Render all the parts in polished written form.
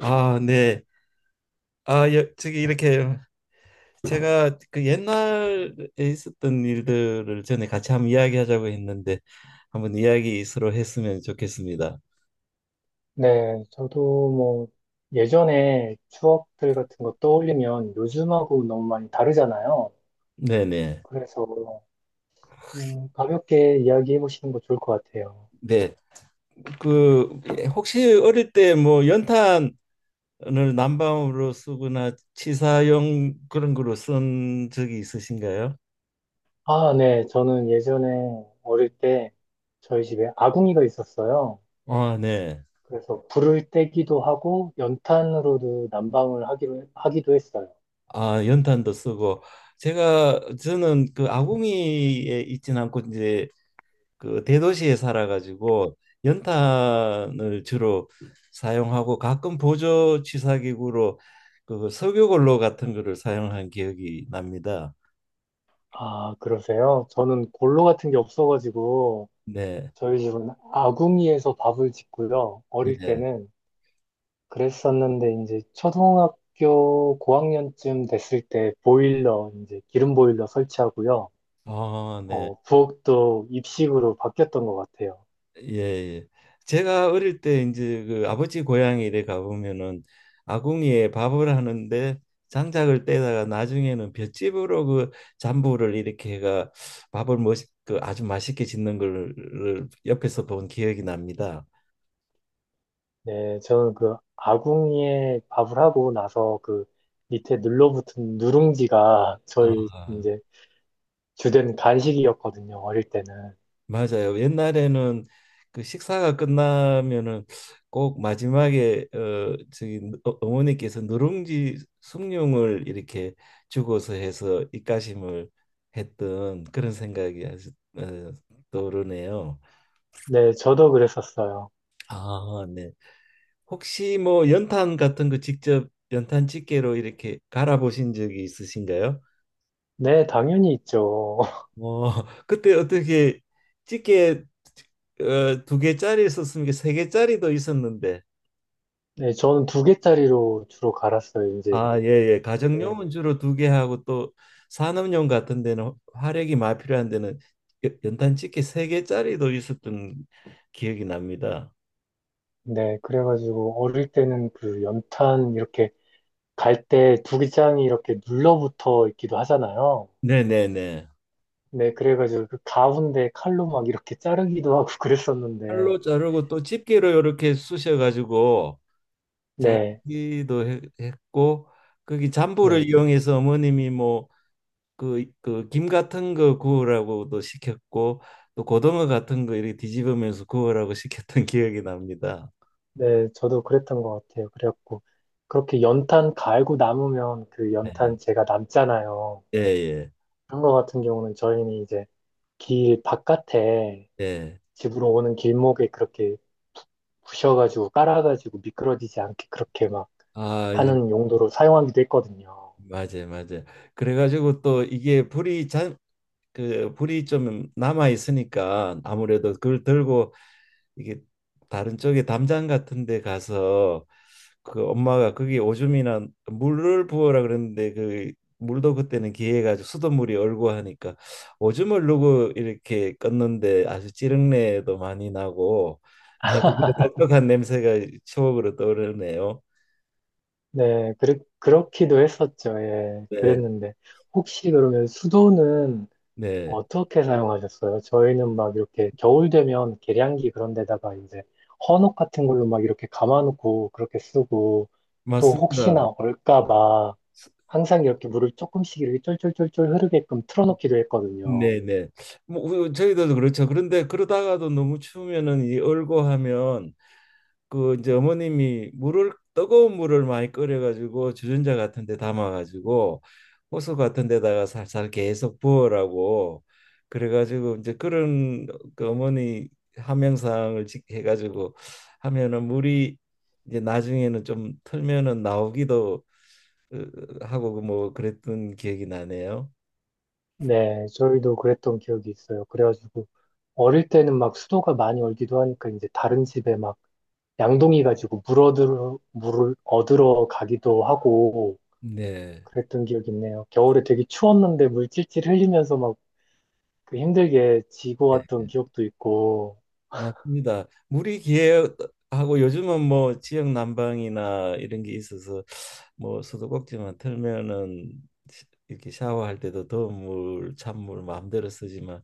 아, 네. 아, 여, 저기 이렇게 제가 그 옛날에 있었던 일들을 전에 같이 한번 이야기하자고 했는데 한번 이야기 서로 했으면 좋겠습니다. 네, 저도 뭐 예전에 추억들 같은 거 떠올리면 요즘하고 너무 많이 다르잖아요. 네네. 그래서 가볍게 이야기해 보시는 거 좋을 것 같아요. 네. 그 혹시 어릴 때 뭐 연탄을 난방으로 쓰거나 치사용 그런 거로 쓴 적이 있으신가요? 아, 네, 저는 예전에 어릴 때 저희 집에 아궁이가 있었어요. 아, 네. 그래서 불을 떼기도 하고 연탄으로도 난방을 하기로, 하기도 했어요. 아, 연탄도 쓰고 제가 저는 그 아궁이에 있진 않고 이제 그 대도시에 살아가지고 연탄을 주로 사용하고 가끔 보조 취사기구로 그 석유골로 같은 거를 사용한 기억이 납니다. 아, 그러세요? 저는 골로 같은 게 없어가지고 네, 저희 집은 아궁이에서 밥을 짓고요. 어릴 예, 때는 그랬었는데 이제 초등학교 고학년쯤 됐을 때 보일러 이제 기름 보일러 설치하고요. 아, 네, 부엌도 입식으로 바뀌었던 것 같아요. 예, 예. 제가 어릴 때 이제 그 아버지 고향에 이래 가보면은 아궁이에 밥을 하는데 장작을 떼다가 나중에는 볏짚으로 그 잔부를 이렇게 해가 밥을 그 아주 맛있게 짓는 걸 옆에서 본 기억이 납니다. 네, 저는 그 아궁이에 밥을 하고 나서 그 밑에 눌러붙은 누룽지가 저희 아, 이제 주된 간식이었거든요. 어릴 때는. 맞아요. 옛날에는 그 식사가 끝나면은 꼭 마지막에 어머니께서 누룽지 숭늉을 이렇게 주고서 해서 입가심을 했던 그런 생각이 아주 어, 떠오르네요. 네, 저도 그랬었어요. 아, 네. 혹시 뭐 연탄 같은 거 직접 연탄 집게로 이렇게 갈아 보신 적이 있으신가요? 네, 당연히 있죠. 어, 그때 어떻게 찌개 어, 두 개짜리 있었으면 이게 세 개짜리도 있었는데 네, 저는 두 개짜리로 주로 갈았어요. 이제 아, 예, 예. 가정용은 주로 두 개 하고 또 산업용 같은 데는 화력이 많이 필요한 데는 연탄 찌개 세 개짜리도 있었던 기억이 납니다. 네, 그래가지고 어릴 때는 그 연탄 이렇게 갈 때 두기장이 이렇게 눌러붙어 있기도 하잖아요. 네, 네, 네. 네, 그래가지고 그 가운데 칼로 막 이렇게 자르기도 하고 그랬었는데, 칼로 자르고 또 집게로 이렇게 쑤셔 가지고 네, 자르기도 했고 거기 잠불을 네, 이용해서 어머님이 뭐 그 김 같은 거 구우라고도 시켰고 또 고등어 같은 거 이렇게 뒤집으면서 구우라고 시켰던 기억이 납니다. 네, 저도 그랬던 것 같아요. 그래갖고 그렇게 연탄 갈고 남으면 그 네. 연탄 제가 남잖아요. 예, 예, 그런 거 같은 경우는 저희는 이제 길 바깥에 예. 집으로 오는 길목에 그렇게 부셔가지고 깔아가지고 미끄러지지 않게 그렇게 막 아, 네. 하는 용도로 사용하기도 했거든요. 맞아요, 맞아요. 그래가지고 또 이게 그 불이 좀 남아 있으니까 아무래도 그걸 들고 이게 다른 쪽에 담장 같은 데 가서 그 엄마가 거기 오줌이나 물을 부어라 그랬는데 그 물도 그때는 기해가지고 수돗물이 얼고 하니까 오줌을 누고 이렇게 껐는데 아주 찌릉내도 많이 나고 아주 그 독특한 냄새가 추억으로 떠오르네요. 네, 그렇기도 했었죠. 예, 네, 그랬는데 혹시 그러면 수도는 네, 어떻게 사용하셨어요? 저희는 막 이렇게 겨울 되면 계량기 그런 데다가 이제 헌옷 같은 걸로 막 이렇게 감아놓고 그렇게 쓰고 또 맞습니다. 혹시나 얼까 봐 항상 이렇게 물을 조금씩 이렇게 쫄쫄쫄쫄 흐르게끔 틀어놓기도 했거든요. 네, 네. 뭐 저희도 그렇죠. 그런데 그러다가도 너무 추우면은 이 얼고 하면 그 이제 어머님이 물을 뜨거운 물을 많이 끓여가지고 주전자 같은 데 담아가지고 호수 같은 데다가 살살 계속 부어라고 그래가지고 이제 그런 그 어머니 해가지고 하면은 물이 이제 나중에는 좀 틀면은 나오기도 하고 그뭐 그랬던 기억이 나네요. 네, 저희도 그랬던 기억이 있어요. 그래가지고 어릴 때는 막 수도가 많이 얼기도 하니까 이제 다른 집에 막 양동이 가지고 물 얻으러, 물을 얻으러 가기도 하고 네. 그랬던 기억이 있네요. 겨울에 되게 추웠는데 물 찔찔 흘리면서 막 그 힘들게 지고 네, 왔던 기억도 있고, 맞습니다. 물이 귀하고 요즘은 뭐 지역 난방이나 이런 게 있어서 뭐 수도꼭지만 틀면은 이렇게 샤워할 때도 더운 물, 찬물 마음대로 쓰지만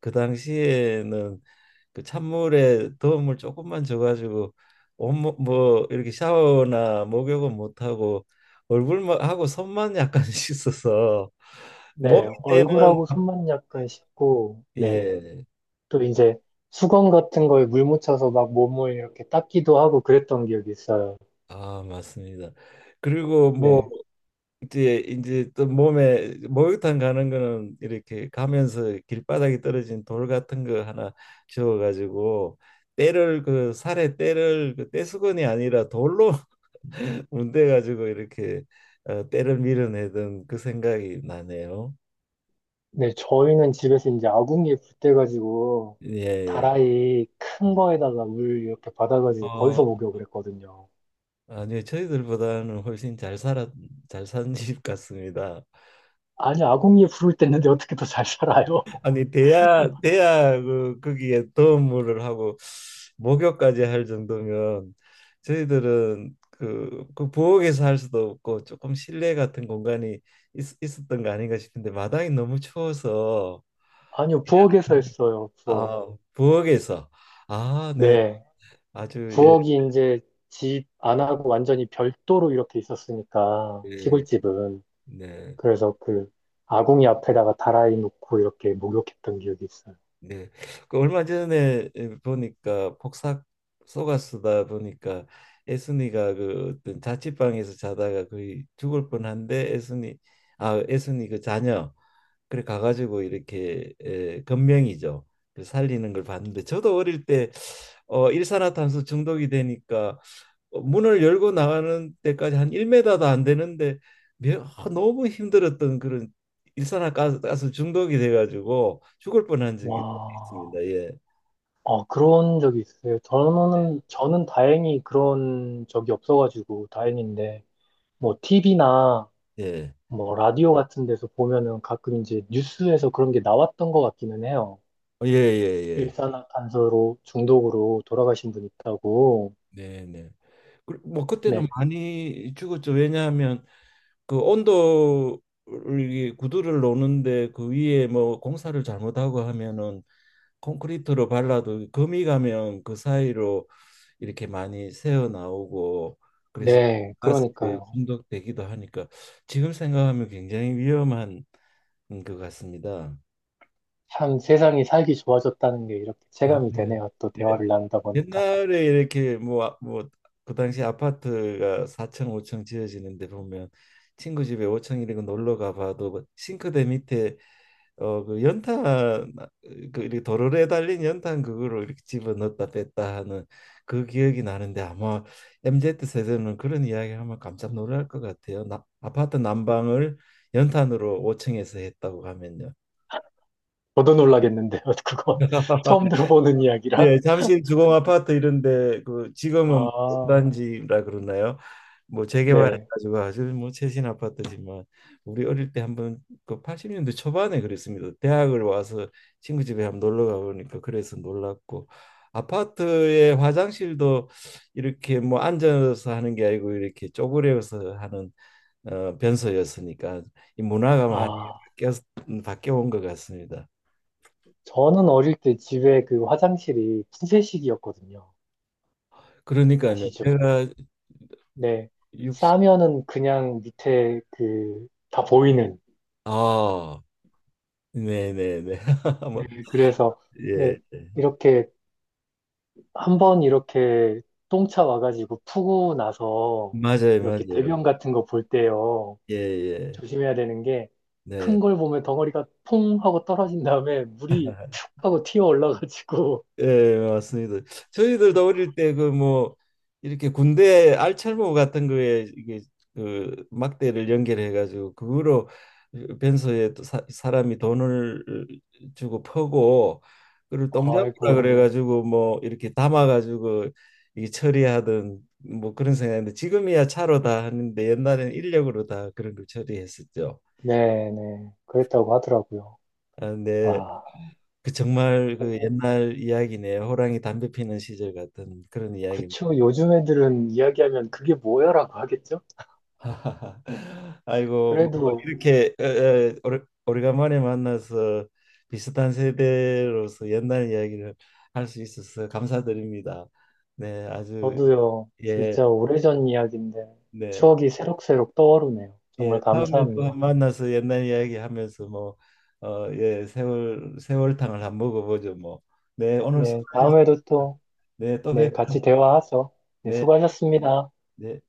그 당시에는 그 찬물에 더운 물 조금만 줘가지고 온몸 뭐 이렇게 샤워나 목욕은 못하고 얼굴만 하고 손만 약간 씻어서 몸이 네, 때는 얼굴하고 손만 약간 씻고, 네, 예, 또 이제 수건 같은 거에 물 묻혀서 막 몸을 이렇게 닦기도 하고 그랬던 기억이 있어요. 아 맞습니다. 그리고 뭐 네, 이제 또 몸에 목욕탕 가는 거는 이렇게 가면서 길바닥에 떨어진 돌 같은 거 하나 주워 가지고 때를 그 살에 때를 그 때수건이 아니라 돌로 문대 가지고 이렇게 때를 밀어내던 그 생각이 나네요. 네, 저희는 집에서 이제 아궁이에 불 때가지고 예. 예. 다라이 큰 거에다가 물 이렇게 받아가지고 어, 거기서 목욕을 했거든요. 아니요. 저희들보다는 훨씬 잘 살았 잘 산 집 같습니다. 아니, 아궁이에 불을 뗐는데 어떻게 더 잘 살아요? 아니 대야 그 거기에 도움을 하고 목욕까지 할 정도면 저희들은 그 부엌에서 할 수도 없고 조금 실내 같은 공간이 있었던 거 아닌가 싶은데 마당이 너무 추워서 아니요, 부엌에서 했어요, 부엌. 아 부엌에서 아 네 네. 아주 예, 부엌이 이제 집 안 하고 완전히 별도로 이렇게 있었으니까, 예, 시골집은. 네 그래서 그 아궁이 앞에다가 다라이 놓고 이렇게 목욕했던 기억이 있어요. 네. 그 얼마 전에 보니까 폭삭 속아 쓰다 보니까 애순이가 그 어떤 자취방에서 자다가 거의 죽을 뻔한데 애순이 아 애순이 그 자녀 그래 가가지고 이렇게 에, 건명이죠. 그 살리는 걸 봤는데 저도 어릴 때 일산화탄소 중독이 되니까 문을 열고 나가는 데까지 한 1m도 안 되는데 너무 힘들었던 그런 일산화가스 중독이 돼가지고 죽을 뻔한 적이 와, 맞습니다. 예. 그런 적이 있어요. 저는 다행히 그런 적이 없어가지고 다행인데, 뭐, TV나 예. 뭐, 라디오 같은 데서 보면은 가끔 이제 뉴스에서 그런 게 나왔던 것 같기는 해요. 어, 예, 예, 예. 일산화탄소로 중독으로 돌아가신 분 있다고. 네, 네. 뭐 그때는 네, 많이 죽었죠. 왜냐하면 그 온도를 이게 구두를 놓는데 그 위에 뭐 공사를 잘못하고 하면은 콘크리트로 발라도 거미 가면 그 사이로 이렇게 많이 새어 나오고 그래서 네, 가스에 그러니까요. 중독되기도 하니까 지금 생각하면 굉장히 위험한 것 같습니다. 참 세상이 살기 좋아졌다는 게 이렇게 아, 체감이 네. 되네요. 또 예. 대화를 나누다 보니까. 옛날에 이렇게 뭐 아, 뭐그 당시 아파트가 4층 5층 지어지는데 보면 친구 집에 5층 이런 거 놀러 가봐도 그 싱크대 밑에 어 그 연탄 아, 그 이렇게 도로에 달린 연탄 그거를 이렇게 집어 넣었다 뺐다 하는 그 기억이 나는데 아마 MZ 세대는 그런 이야기 하면 깜짝 놀랄 것 같아요. 나, 아파트 난방을 연탄으로 5층에서 했다고 하면요. 저도 놀라겠는데요. 그건 처음 들어보는 이야기라. 예, 잠실 주공 아파트 이런데 그 지금은 아, 단지라 그러나요? 뭐 네. 재개발해가지고 아주 뭐 최신 아파트지만 우리 어릴 때 한번 그 80년대 초반에 그랬습니다. 대학을 와서 친구 집에 한번 놀러 가보니까 그래서 놀랐고 아파트의 화장실도 이렇게 뭐 앉아서 하는 게 아니고 이렇게 쪼그려서 하는 변소였으니까 이 문화가 많이 아, 바뀌어 바뀌어 온 것 같습니다. 저는 어릴 때 집에 그 화장실이 푸세식이었거든요. 그러니까요, 아시죠? 제가 네. 60, 싸면은 그냥 밑에 그 다 보이는. 아 네네네. 아마 네, 그래서 예, 예 이렇게 한 번 이렇게 똥차 와가지고 푸고 나서 맞아요 이렇게 맞아요. 대변 같은 거 볼 때요. 예예 조심해야 되는 게 큰 네. 걸 보면 덩어리가 퐁 하고 떨어진 다음에 물이 툭 하고 튀어 올라가지고 예 맞습니다. 저희들도 어릴 때 그 뭐 이렇게 군대 알찰모 같은 거에 이게 그 막대를 연결해 가지고 그거로 변소에 또 사람이 돈을 주고 퍼고 그걸 똥장구라 그래 아이고 가지고 뭐 이렇게 담아 가지고 이 처리하던 뭐 그런 생각인데 지금이야 차로 다 하는데 옛날에는 인력으로 다 그런 걸 처리했었죠. 네네 그랬다고 하더라고요. 아, 네. 와 그 정말 그 그러면 옛날 이야기네요. 호랑이 담배 피는 시절 같은 그런 이야기입니다. 그쵸 요즘 애들은 이야기하면 그게 뭐야라고 하겠죠? 아이고 뭐 그래도 이렇게 에, 에, 오래간만에 만나서 비슷한 세대로서 옛날 이야기를 할 수 있어서 감사드립니다. 네, 아주 저도요 예, 진짜 오래전 이야기인데 네, 추억이 새록새록 떠오르네요. 예. 정말 다음에 또 한 감사합니다. 만나서 옛날 이야기 하면서 뭐 어, 예, 세월탕을 한번 먹어보죠 뭐. 네, 오늘 네, 수고하셨습니다. 다음에도 또 네, 또 네, 뵙죠. 같이 대화하죠. 네, 네. 수고하셨습니다. 네.